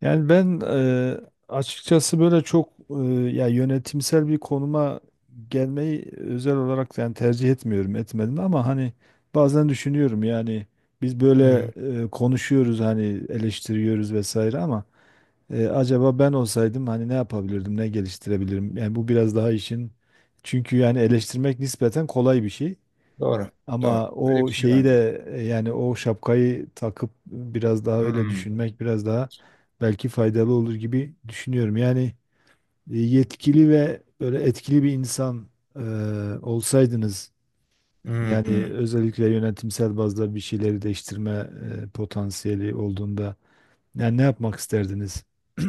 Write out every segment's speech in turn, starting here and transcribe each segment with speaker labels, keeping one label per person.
Speaker 1: Yani ben açıkçası böyle çok ya yönetimsel bir konuma gelmeyi özel olarak yani tercih etmiyorum etmedim ama hani bazen düşünüyorum yani biz böyle
Speaker 2: Hmm,
Speaker 1: konuşuyoruz hani eleştiriyoruz vesaire ama acaba ben olsaydım hani ne yapabilirdim ne geliştirebilirim yani bu biraz daha işin. Çünkü yani eleştirmek nispeten kolay bir şey.
Speaker 2: doğru. Doğru.
Speaker 1: Ama
Speaker 2: Öyle
Speaker 1: o
Speaker 2: bir şey
Speaker 1: şeyi
Speaker 2: var zaten.
Speaker 1: de yani o şapkayı takıp biraz daha öyle
Speaker 2: Hmm,
Speaker 1: düşünmek biraz daha belki faydalı olur gibi düşünüyorum. Yani yetkili ve böyle etkili bir insan e, olsaydınız
Speaker 2: hmm,
Speaker 1: yani
Speaker 2: hmm.
Speaker 1: özellikle yönetimsel bazda bir şeyleri değiştirme potansiyeli olduğunda yani ne yapmak isterdiniz?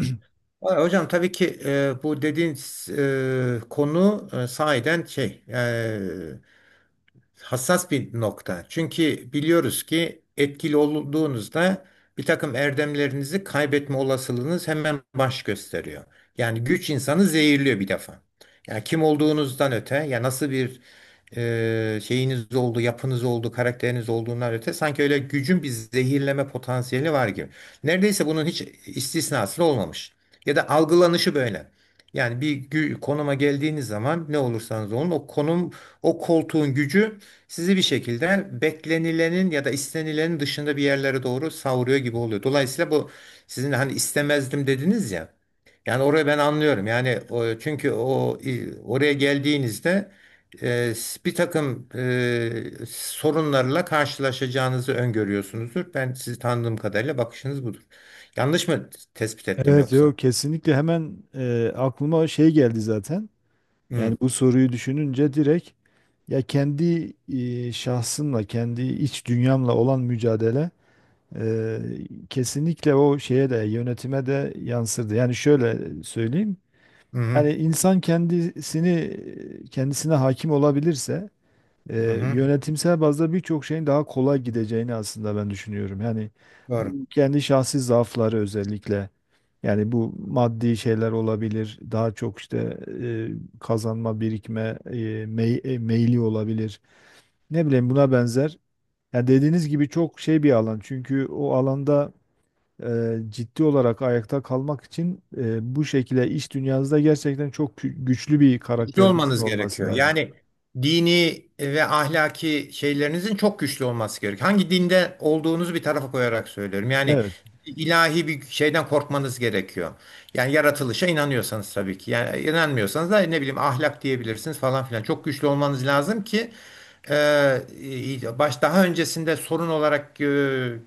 Speaker 2: Valla Hocam, tabii ki bu dediğiniz konu sahiden şey hassas bir nokta. Çünkü biliyoruz ki etkili olduğunuzda bir takım erdemlerinizi kaybetme olasılığınız hemen baş gösteriyor. Yani güç insanı zehirliyor bir defa. Yani kim olduğunuzdan öte, ya nasıl bir şeyiniz oldu, yapınız oldu, karakteriniz olduğundan öte sanki öyle gücün bir zehirleme potansiyeli var gibi. Neredeyse bunun hiç istisnası olmamış. Ya da algılanışı böyle. Yani bir konuma geldiğiniz zaman ne olursanız olun, o konum, o koltuğun gücü sizi bir şekilde beklenilenin ya da istenilenin dışında bir yerlere doğru savuruyor gibi oluyor. Dolayısıyla bu, sizin hani istemezdim dediniz ya. Yani orayı ben anlıyorum. Yani o, çünkü o oraya geldiğinizde e, bir takım sorunlarla karşılaşacağınızı öngörüyorsunuzdur. Ben sizi tanıdığım kadarıyla bakışınız budur. Yanlış mı tespit ettim
Speaker 1: Evet, yok,
Speaker 2: yoksa?
Speaker 1: kesinlikle hemen aklıma şey geldi zaten.
Speaker 2: Hı
Speaker 1: Yani bu soruyu düşününce direkt. Ya kendi şahsımla, kendi iç dünyamla olan mücadele e, kesinlikle o şeye de yönetime de yansırdı. Yani şöyle söyleyeyim.
Speaker 2: hı hı.
Speaker 1: Yani insan kendisini kendisine hakim olabilirse
Speaker 2: Hı.
Speaker 1: yönetimsel bazda birçok şeyin daha kolay gideceğini aslında ben düşünüyorum. Yani
Speaker 2: Doğru.
Speaker 1: kendi şahsi zaafları özellikle yani bu maddi şeyler olabilir. Daha çok işte e, kazanma, birikme meyli olabilir, ne bileyim buna benzer. Ya dediğiniz gibi çok şey bir alan. Çünkü o alanda ciddi olarak ayakta kalmak için bu şekilde iş dünyanızda gerçekten çok güçlü bir
Speaker 2: Güçlü
Speaker 1: karakterinizin
Speaker 2: olmanız
Speaker 1: olması
Speaker 2: gerekiyor.
Speaker 1: lazım.
Speaker 2: Yani dini ve ahlaki şeylerinizin çok güçlü olması gerekiyor. Hangi dinde olduğunuzu bir tarafa koyarak söylüyorum. Yani
Speaker 1: Evet.
Speaker 2: ilahi bir şeyden korkmanız gerekiyor. Yani yaratılışa inanıyorsanız tabii ki. Yani inanmıyorsanız da ne bileyim, ahlak diyebilirsiniz falan filan. Çok güçlü olmanız lazım ki e, baş daha öncesinde sorun olarak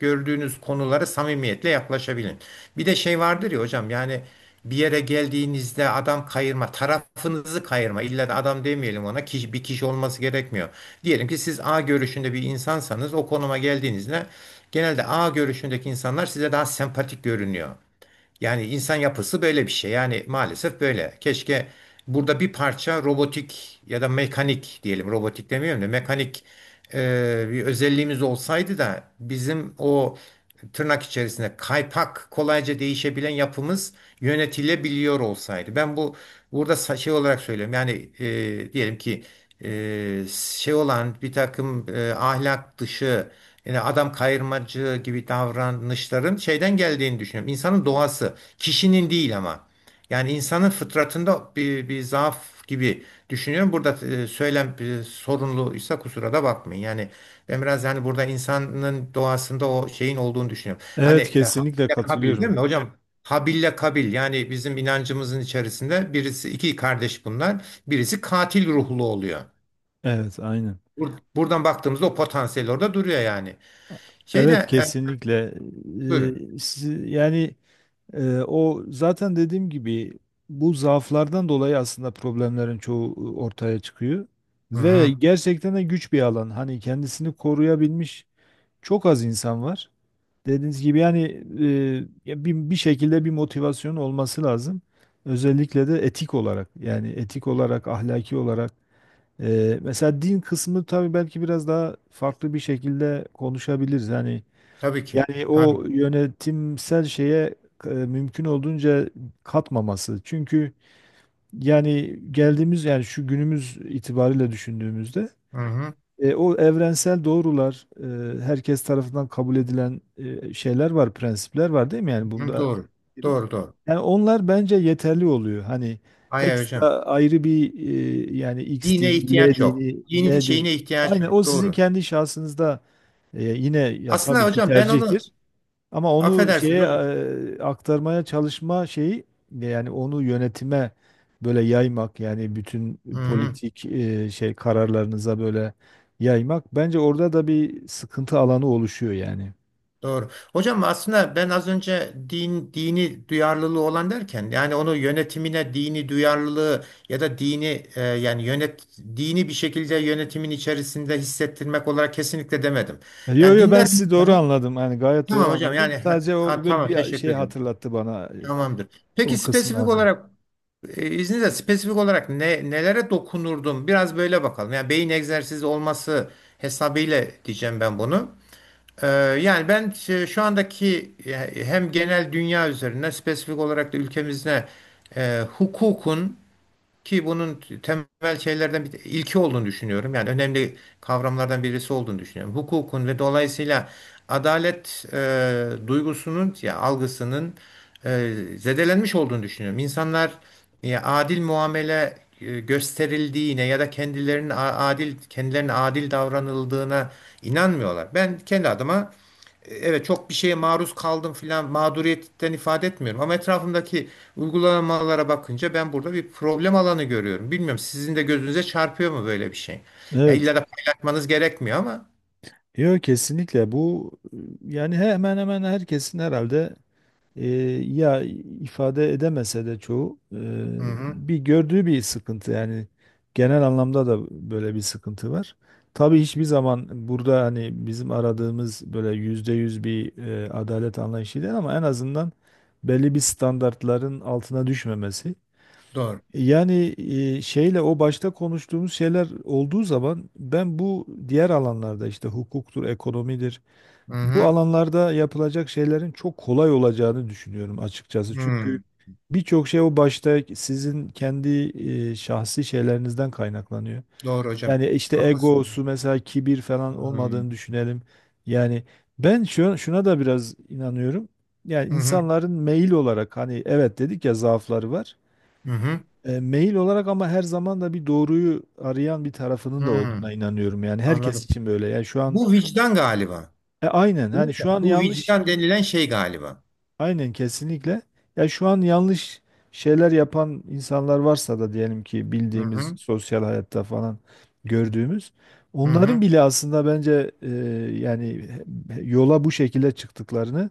Speaker 2: gördüğünüz konulara samimiyetle yaklaşabilin. Bir de şey vardır ya hocam, yani bir yere geldiğinizde adam kayırma, tarafınızı kayırma. İlla da adam demeyelim ona. Kişi, bir kişi olması gerekmiyor. Diyelim ki siz A görüşünde bir insansanız, o konuma geldiğinizde genelde A görüşündeki insanlar size daha sempatik görünüyor. Yani insan yapısı böyle bir şey. Yani maalesef böyle. Keşke burada bir parça robotik ya da mekanik diyelim. Robotik demiyorum da mekanik bir özelliğimiz olsaydı da bizim o tırnak içerisinde kaypak, kolayca değişebilen yapımız yönetilebiliyor olsaydı. Ben bu burada şey olarak söylüyorum. Yani diyelim ki e, şey olan bir takım ahlak dışı, yani adam kayırmacı gibi davranışların şeyden geldiğini düşünüyorum. İnsanın doğası, kişinin değil ama. Yani insanın fıtratında bir zaaf gibi düşünüyorum. Burada söylem sorunluysa kusura da bakmayın. Yani ben biraz, yani burada insanın doğasında o şeyin olduğunu düşünüyorum. Hani
Speaker 1: Evet, kesinlikle
Speaker 2: Habil'le Kabil, değil
Speaker 1: katılıyorum.
Speaker 2: mi hocam? Habil'le Kabil, yani bizim inancımızın içerisinde birisi iki kardeş bunlar. Birisi katil ruhlu oluyor.
Speaker 1: Evet, aynen.
Speaker 2: Buradan baktığımızda o potansiyel orada duruyor yani. Şeyde.
Speaker 1: Evet, kesinlikle.
Speaker 2: Buyurun.
Speaker 1: Yani o zaten dediğim gibi bu zaaflardan dolayı aslında problemlerin çoğu ortaya çıkıyor.
Speaker 2: Hı
Speaker 1: Ve
Speaker 2: hı.
Speaker 1: gerçekten de güç bir alan. Hani kendisini koruyabilmiş çok az insan var. Dediğiniz gibi yani ya bir, bir şekilde bir motivasyon olması lazım. Özellikle de etik olarak, yani etik olarak, ahlaki olarak. Mesela din kısmı tabii belki biraz daha farklı bir şekilde konuşabiliriz. Yani
Speaker 2: Tabii ki.
Speaker 1: yani
Speaker 2: Tabii.
Speaker 1: o yönetimsel şeye mümkün olduğunca katmaması. Çünkü yani geldiğimiz, yani şu günümüz itibariyle düşündüğümüzde
Speaker 2: Hı hı.
Speaker 1: o evrensel doğrular, herkes tarafından kabul edilen şeyler var, prensipler var, değil mi? Yani
Speaker 2: Hı,
Speaker 1: bunda
Speaker 2: doğru. Doğru doğru.
Speaker 1: yani onlar bence yeterli oluyor. Hani
Speaker 2: Hayır
Speaker 1: ekstra
Speaker 2: hocam.
Speaker 1: ayrı bir yani X
Speaker 2: Dine
Speaker 1: dini, Y
Speaker 2: ihtiyaç yok.
Speaker 1: dini,
Speaker 2: Dinin
Speaker 1: Y dini.
Speaker 2: şeyine ihtiyaç
Speaker 1: Aynen o
Speaker 2: yok.
Speaker 1: sizin
Speaker 2: Doğru.
Speaker 1: kendi şahsınızda yine ya
Speaker 2: Aslında
Speaker 1: tabii ki
Speaker 2: hocam ben onu,
Speaker 1: tercihtir. Ama onu şeye
Speaker 2: affedersiniz hocam.
Speaker 1: aktarmaya çalışma şeyi, yani onu yönetime böyle yaymak, yani bütün
Speaker 2: Hı hı.
Speaker 1: politik şey kararlarınıza böyle yaymak bence orada da bir sıkıntı alanı oluşuyor yani.
Speaker 2: Doğru. Hocam aslında ben az önce din dini duyarlılığı olan derken, yani onu yönetimine dini duyarlılığı ya da dini yani dini bir şekilde yönetimin içerisinde hissettirmek olarak kesinlikle demedim.
Speaker 1: Yo
Speaker 2: Yani
Speaker 1: yo, ben
Speaker 2: dindar bir
Speaker 1: sizi doğru
Speaker 2: insanın,
Speaker 1: anladım. Yani gayet doğru
Speaker 2: tamam hocam,
Speaker 1: anladım.
Speaker 2: yani ha,
Speaker 1: Sadece
Speaker 2: ha,
Speaker 1: o böyle
Speaker 2: tamam,
Speaker 1: bir
Speaker 2: teşekkür
Speaker 1: şey
Speaker 2: ederim.
Speaker 1: hatırlattı bana
Speaker 2: Tamamdır. Peki
Speaker 1: o
Speaker 2: spesifik
Speaker 1: kısımlarda.
Speaker 2: olarak, izninizle spesifik olarak ne nelere dokunurdum? Biraz böyle bakalım. Yani beyin egzersizi olması hesabıyla diyeceğim ben bunu. Ee, yani ben şu andaki hem genel dünya üzerine spesifik olarak da ülkemizde hukukun, ki bunun temel şeylerden bir ilki olduğunu düşünüyorum. Yani önemli kavramlardan birisi olduğunu düşünüyorum. Hukukun ve dolayısıyla adalet duygusunun ya algısının zedelenmiş olduğunu düşünüyorum. İnsanlar ya, adil muamele gösterildiğine ya da kendilerinin adil, kendilerine adil davranıldığına inanmıyorlar. Ben kendi adıma, evet, çok bir şeye maruz kaldım filan mağduriyetten ifade etmiyorum. Ama etrafımdaki uygulamalara bakınca ben burada bir problem alanı görüyorum. Bilmiyorum sizin de gözünüze çarpıyor mu böyle bir şey? Ya
Speaker 1: Evet.
Speaker 2: illa da paylaşmanız gerekmiyor ama.
Speaker 1: Yok, kesinlikle bu yani hemen hemen herkesin herhalde e, ya ifade edemese de çoğu
Speaker 2: Hı hı,
Speaker 1: bir gördüğü bir sıkıntı, yani genel anlamda da böyle bir sıkıntı var. Tabii hiçbir zaman burada hani bizim aradığımız böyle %100 bir adalet anlayışı değil, ama en azından belli bir standartların altına düşmemesi.
Speaker 2: doğru.
Speaker 1: Yani şeyle o başta konuştuğumuz şeyler olduğu zaman ben bu diğer alanlarda işte hukuktur, ekonomidir,
Speaker 2: Hı
Speaker 1: bu
Speaker 2: hı,
Speaker 1: alanlarda yapılacak şeylerin çok kolay olacağını düşünüyorum açıkçası. Çünkü
Speaker 2: hı,
Speaker 1: birçok şey o başta sizin kendi şahsi şeylerinizden kaynaklanıyor.
Speaker 2: doğru hocam.
Speaker 1: Yani işte
Speaker 2: Haklısın.
Speaker 1: egosu mesela, kibir
Speaker 2: Hı
Speaker 1: falan
Speaker 2: hı,
Speaker 1: olmadığını düşünelim. Yani ben şuna da biraz inanıyorum. Yani
Speaker 2: hı
Speaker 1: insanların meyil olarak, hani evet dedik ya, zaafları var.
Speaker 2: hı,
Speaker 1: Meyil olarak, ama her zaman da bir doğruyu arayan bir tarafının da
Speaker 2: hı,
Speaker 1: olduğuna inanıyorum. Yani herkes
Speaker 2: anladım.
Speaker 1: için böyle. Yani şu an
Speaker 2: Bu vicdan galiba.
Speaker 1: aynen,
Speaker 2: Değil
Speaker 1: hani
Speaker 2: mi?
Speaker 1: şu an
Speaker 2: Bu
Speaker 1: yanlış.
Speaker 2: vicdan denilen şey galiba.
Speaker 1: Aynen, kesinlikle. Ya şu an yanlış şeyler yapan insanlar varsa da, diyelim ki
Speaker 2: Hı
Speaker 1: bildiğimiz
Speaker 2: hı,
Speaker 1: sosyal hayatta falan gördüğümüz,
Speaker 2: hı
Speaker 1: onların
Speaker 2: hı,
Speaker 1: bile aslında bence yani yola bu şekilde çıktıklarını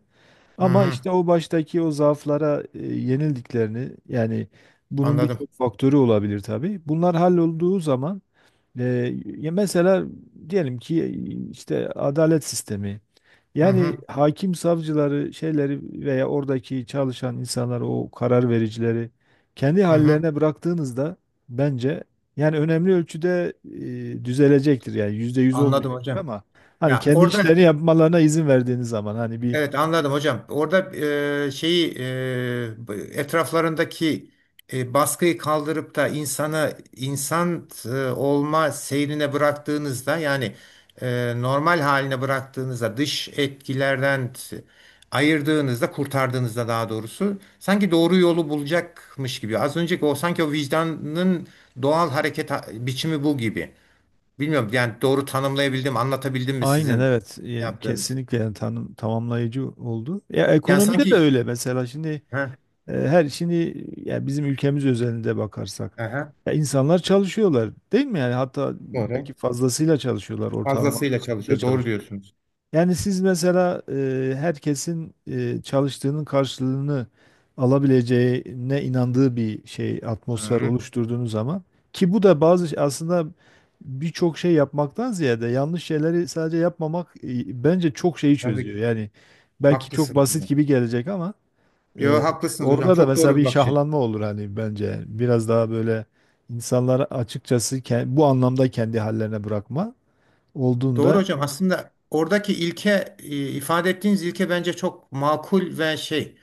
Speaker 2: hı
Speaker 1: ama
Speaker 2: hı,
Speaker 1: işte o baştaki o zaaflara yenildiklerini, yani bunun
Speaker 2: anladım.
Speaker 1: birçok faktörü olabilir tabii. Bunlar hallolduğu zaman ya mesela, diyelim ki işte adalet sistemi.
Speaker 2: Hı
Speaker 1: Yani
Speaker 2: hı,
Speaker 1: hakim, savcıları, şeyleri veya oradaki çalışan insanları, o karar vericileri kendi
Speaker 2: hı hı,
Speaker 1: hallerine bıraktığınızda bence yani önemli ölçüde düzelecektir. Yani %100
Speaker 2: anladım
Speaker 1: olmayacak,
Speaker 2: hocam.
Speaker 1: ama hani
Speaker 2: Ya
Speaker 1: kendi işlerini
Speaker 2: orada,
Speaker 1: yapmalarına izin verdiğiniz zaman, hani bir.
Speaker 2: evet, anladım hocam. Orada şeyi etraflarındaki baskıyı kaldırıp da insanı insan olma seyrine bıraktığınızda, yani normal haline bıraktığınızda, dış etkilerden ayırdığınızda, kurtardığınızda daha doğrusu, sanki doğru yolu bulacakmış gibi. Az önceki o, sanki o vicdanın doğal hareket biçimi bu gibi. Bilmiyorum, yani doğru tanımlayabildim, anlatabildim mi
Speaker 1: Aynen
Speaker 2: sizin
Speaker 1: evet.
Speaker 2: yaptığınız?
Speaker 1: Kesinlikle, yani tanım, tamamlayıcı oldu. Ya
Speaker 2: Yani
Speaker 1: ekonomide de
Speaker 2: sanki
Speaker 1: öyle mesela, şimdi
Speaker 2: ha,
Speaker 1: Her şimdi yani bizim ülkemiz özelinde bakarsak,
Speaker 2: aha,
Speaker 1: ya insanlar çalışıyorlar değil mi? Yani hatta
Speaker 2: doğru.
Speaker 1: belki fazlasıyla çalışıyorlar, ortalama
Speaker 2: Fazlasıyla
Speaker 1: da
Speaker 2: çalışıyor. Doğru
Speaker 1: çalışıyor.
Speaker 2: diyorsunuz.
Speaker 1: Yani siz mesela herkesin çalıştığının karşılığını alabileceğine inandığı bir şey, atmosfer
Speaker 2: Hı,
Speaker 1: oluşturduğunuz zaman ki bu da bazı şey, aslında birçok şey yapmaktan ziyade yanlış şeyleri sadece yapmamak bence çok şeyi
Speaker 2: tabii
Speaker 1: çözüyor.
Speaker 2: ki.
Speaker 1: Yani belki çok
Speaker 2: Haklısınız
Speaker 1: basit
Speaker 2: hocam.
Speaker 1: gibi gelecek, ama ee,
Speaker 2: Yo, haklısınız hocam.
Speaker 1: orada da
Speaker 2: Çok
Speaker 1: mesela
Speaker 2: doğru bir
Speaker 1: bir
Speaker 2: bakış açısı.
Speaker 1: şahlanma olur hani bence. Biraz daha böyle insanlar açıkçası bu anlamda kendi hallerine bırakma
Speaker 2: Doğru
Speaker 1: olduğunda
Speaker 2: hocam.
Speaker 1: çünkü
Speaker 2: Aslında oradaki ilke, ifade ettiğiniz ilke bence çok makul ve şey,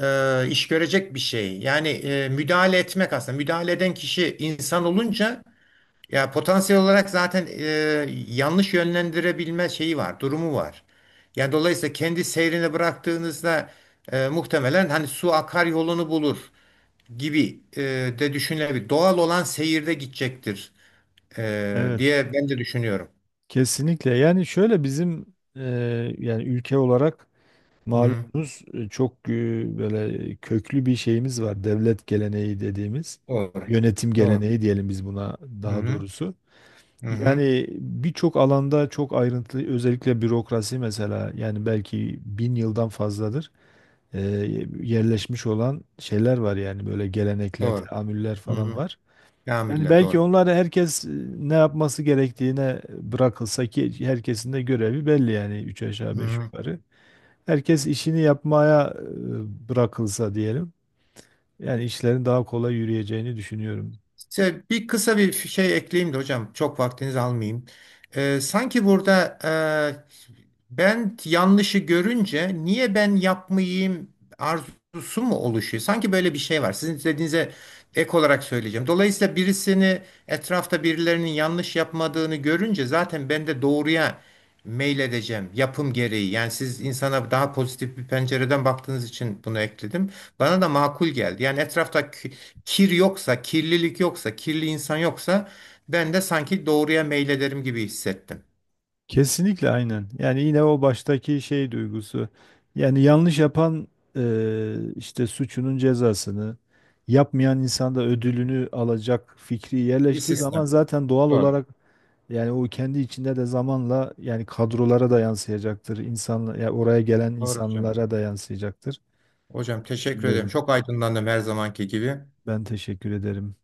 Speaker 2: iş görecek bir şey. Yani müdahale etmek aslında. Müdahale eden kişi insan olunca, ya potansiyel olarak zaten yanlış yönlendirebilme şeyi var, durumu var. Ya dolayısıyla kendi seyrine bıraktığınızda muhtemelen, hani su akar yolunu bulur gibi de düşünülebilir. Doğal olan seyirde gidecektir
Speaker 1: evet,
Speaker 2: diye ben de düşünüyorum.
Speaker 1: kesinlikle. Yani şöyle, bizim e, yani ülke olarak
Speaker 2: Hı,
Speaker 1: malumunuz çok böyle köklü bir şeyimiz var. Devlet geleneği dediğimiz,
Speaker 2: doğru.
Speaker 1: yönetim
Speaker 2: Doğru.
Speaker 1: geleneği diyelim biz buna,
Speaker 2: Hı
Speaker 1: daha
Speaker 2: hı.
Speaker 1: doğrusu.
Speaker 2: Hı hı.
Speaker 1: Yani birçok alanda çok ayrıntılı, özellikle bürokrasi mesela, yani belki 1000 yıldan fazladır e, yerleşmiş olan şeyler var, yani böyle gelenekler,
Speaker 2: Doğru.
Speaker 1: teamüller
Speaker 2: Hı
Speaker 1: falan
Speaker 2: hı.
Speaker 1: var. Yani
Speaker 2: Kamille
Speaker 1: belki
Speaker 2: doğru.
Speaker 1: onları herkes ne yapması gerektiğine bırakılsa, ki herkesin de görevi belli yani, üç aşağı
Speaker 2: Hı
Speaker 1: beş
Speaker 2: hı.
Speaker 1: yukarı. Herkes işini yapmaya bırakılsa diyelim. Yani işlerin daha kolay yürüyeceğini düşünüyorum.
Speaker 2: Size bir kısa bir şey ekleyeyim de hocam, çok vaktinizi almayayım. Sanki burada ben yanlışı görünce niye ben yapmayayım arzusu mu oluşuyor? Sanki böyle bir şey var. Sizin dediğinize ek olarak söyleyeceğim. Dolayısıyla birisini, etrafta birilerinin yanlış yapmadığını görünce zaten ben de doğruya meyledeceğim yapım gereği. Yani siz insana daha pozitif bir pencereden baktığınız için bunu ekledim. Bana da makul geldi. Yani etrafta kir yoksa, kirlilik yoksa, kirli insan yoksa, ben de sanki doğruya meylederim gibi hissettim.
Speaker 1: Kesinlikle, aynen. Yani yine o baştaki şey duygusu. Yani yanlış yapan işte suçunun cezasını, yapmayan insan da ödülünü alacak fikri
Speaker 2: Bir
Speaker 1: yerleştiği zaman,
Speaker 2: sistem.
Speaker 1: zaten doğal
Speaker 2: Doğru.
Speaker 1: olarak yani o kendi içinde de zamanla yani kadrolara da yansıyacaktır. İnsanla, ya oraya gelen
Speaker 2: Doğru hocam.
Speaker 1: insanlara da yansıyacaktır.
Speaker 2: Hocam teşekkür ederim.
Speaker 1: Düşünüyorum.
Speaker 2: Çok aydınlandım her zamanki gibi.
Speaker 1: Ben teşekkür ederim.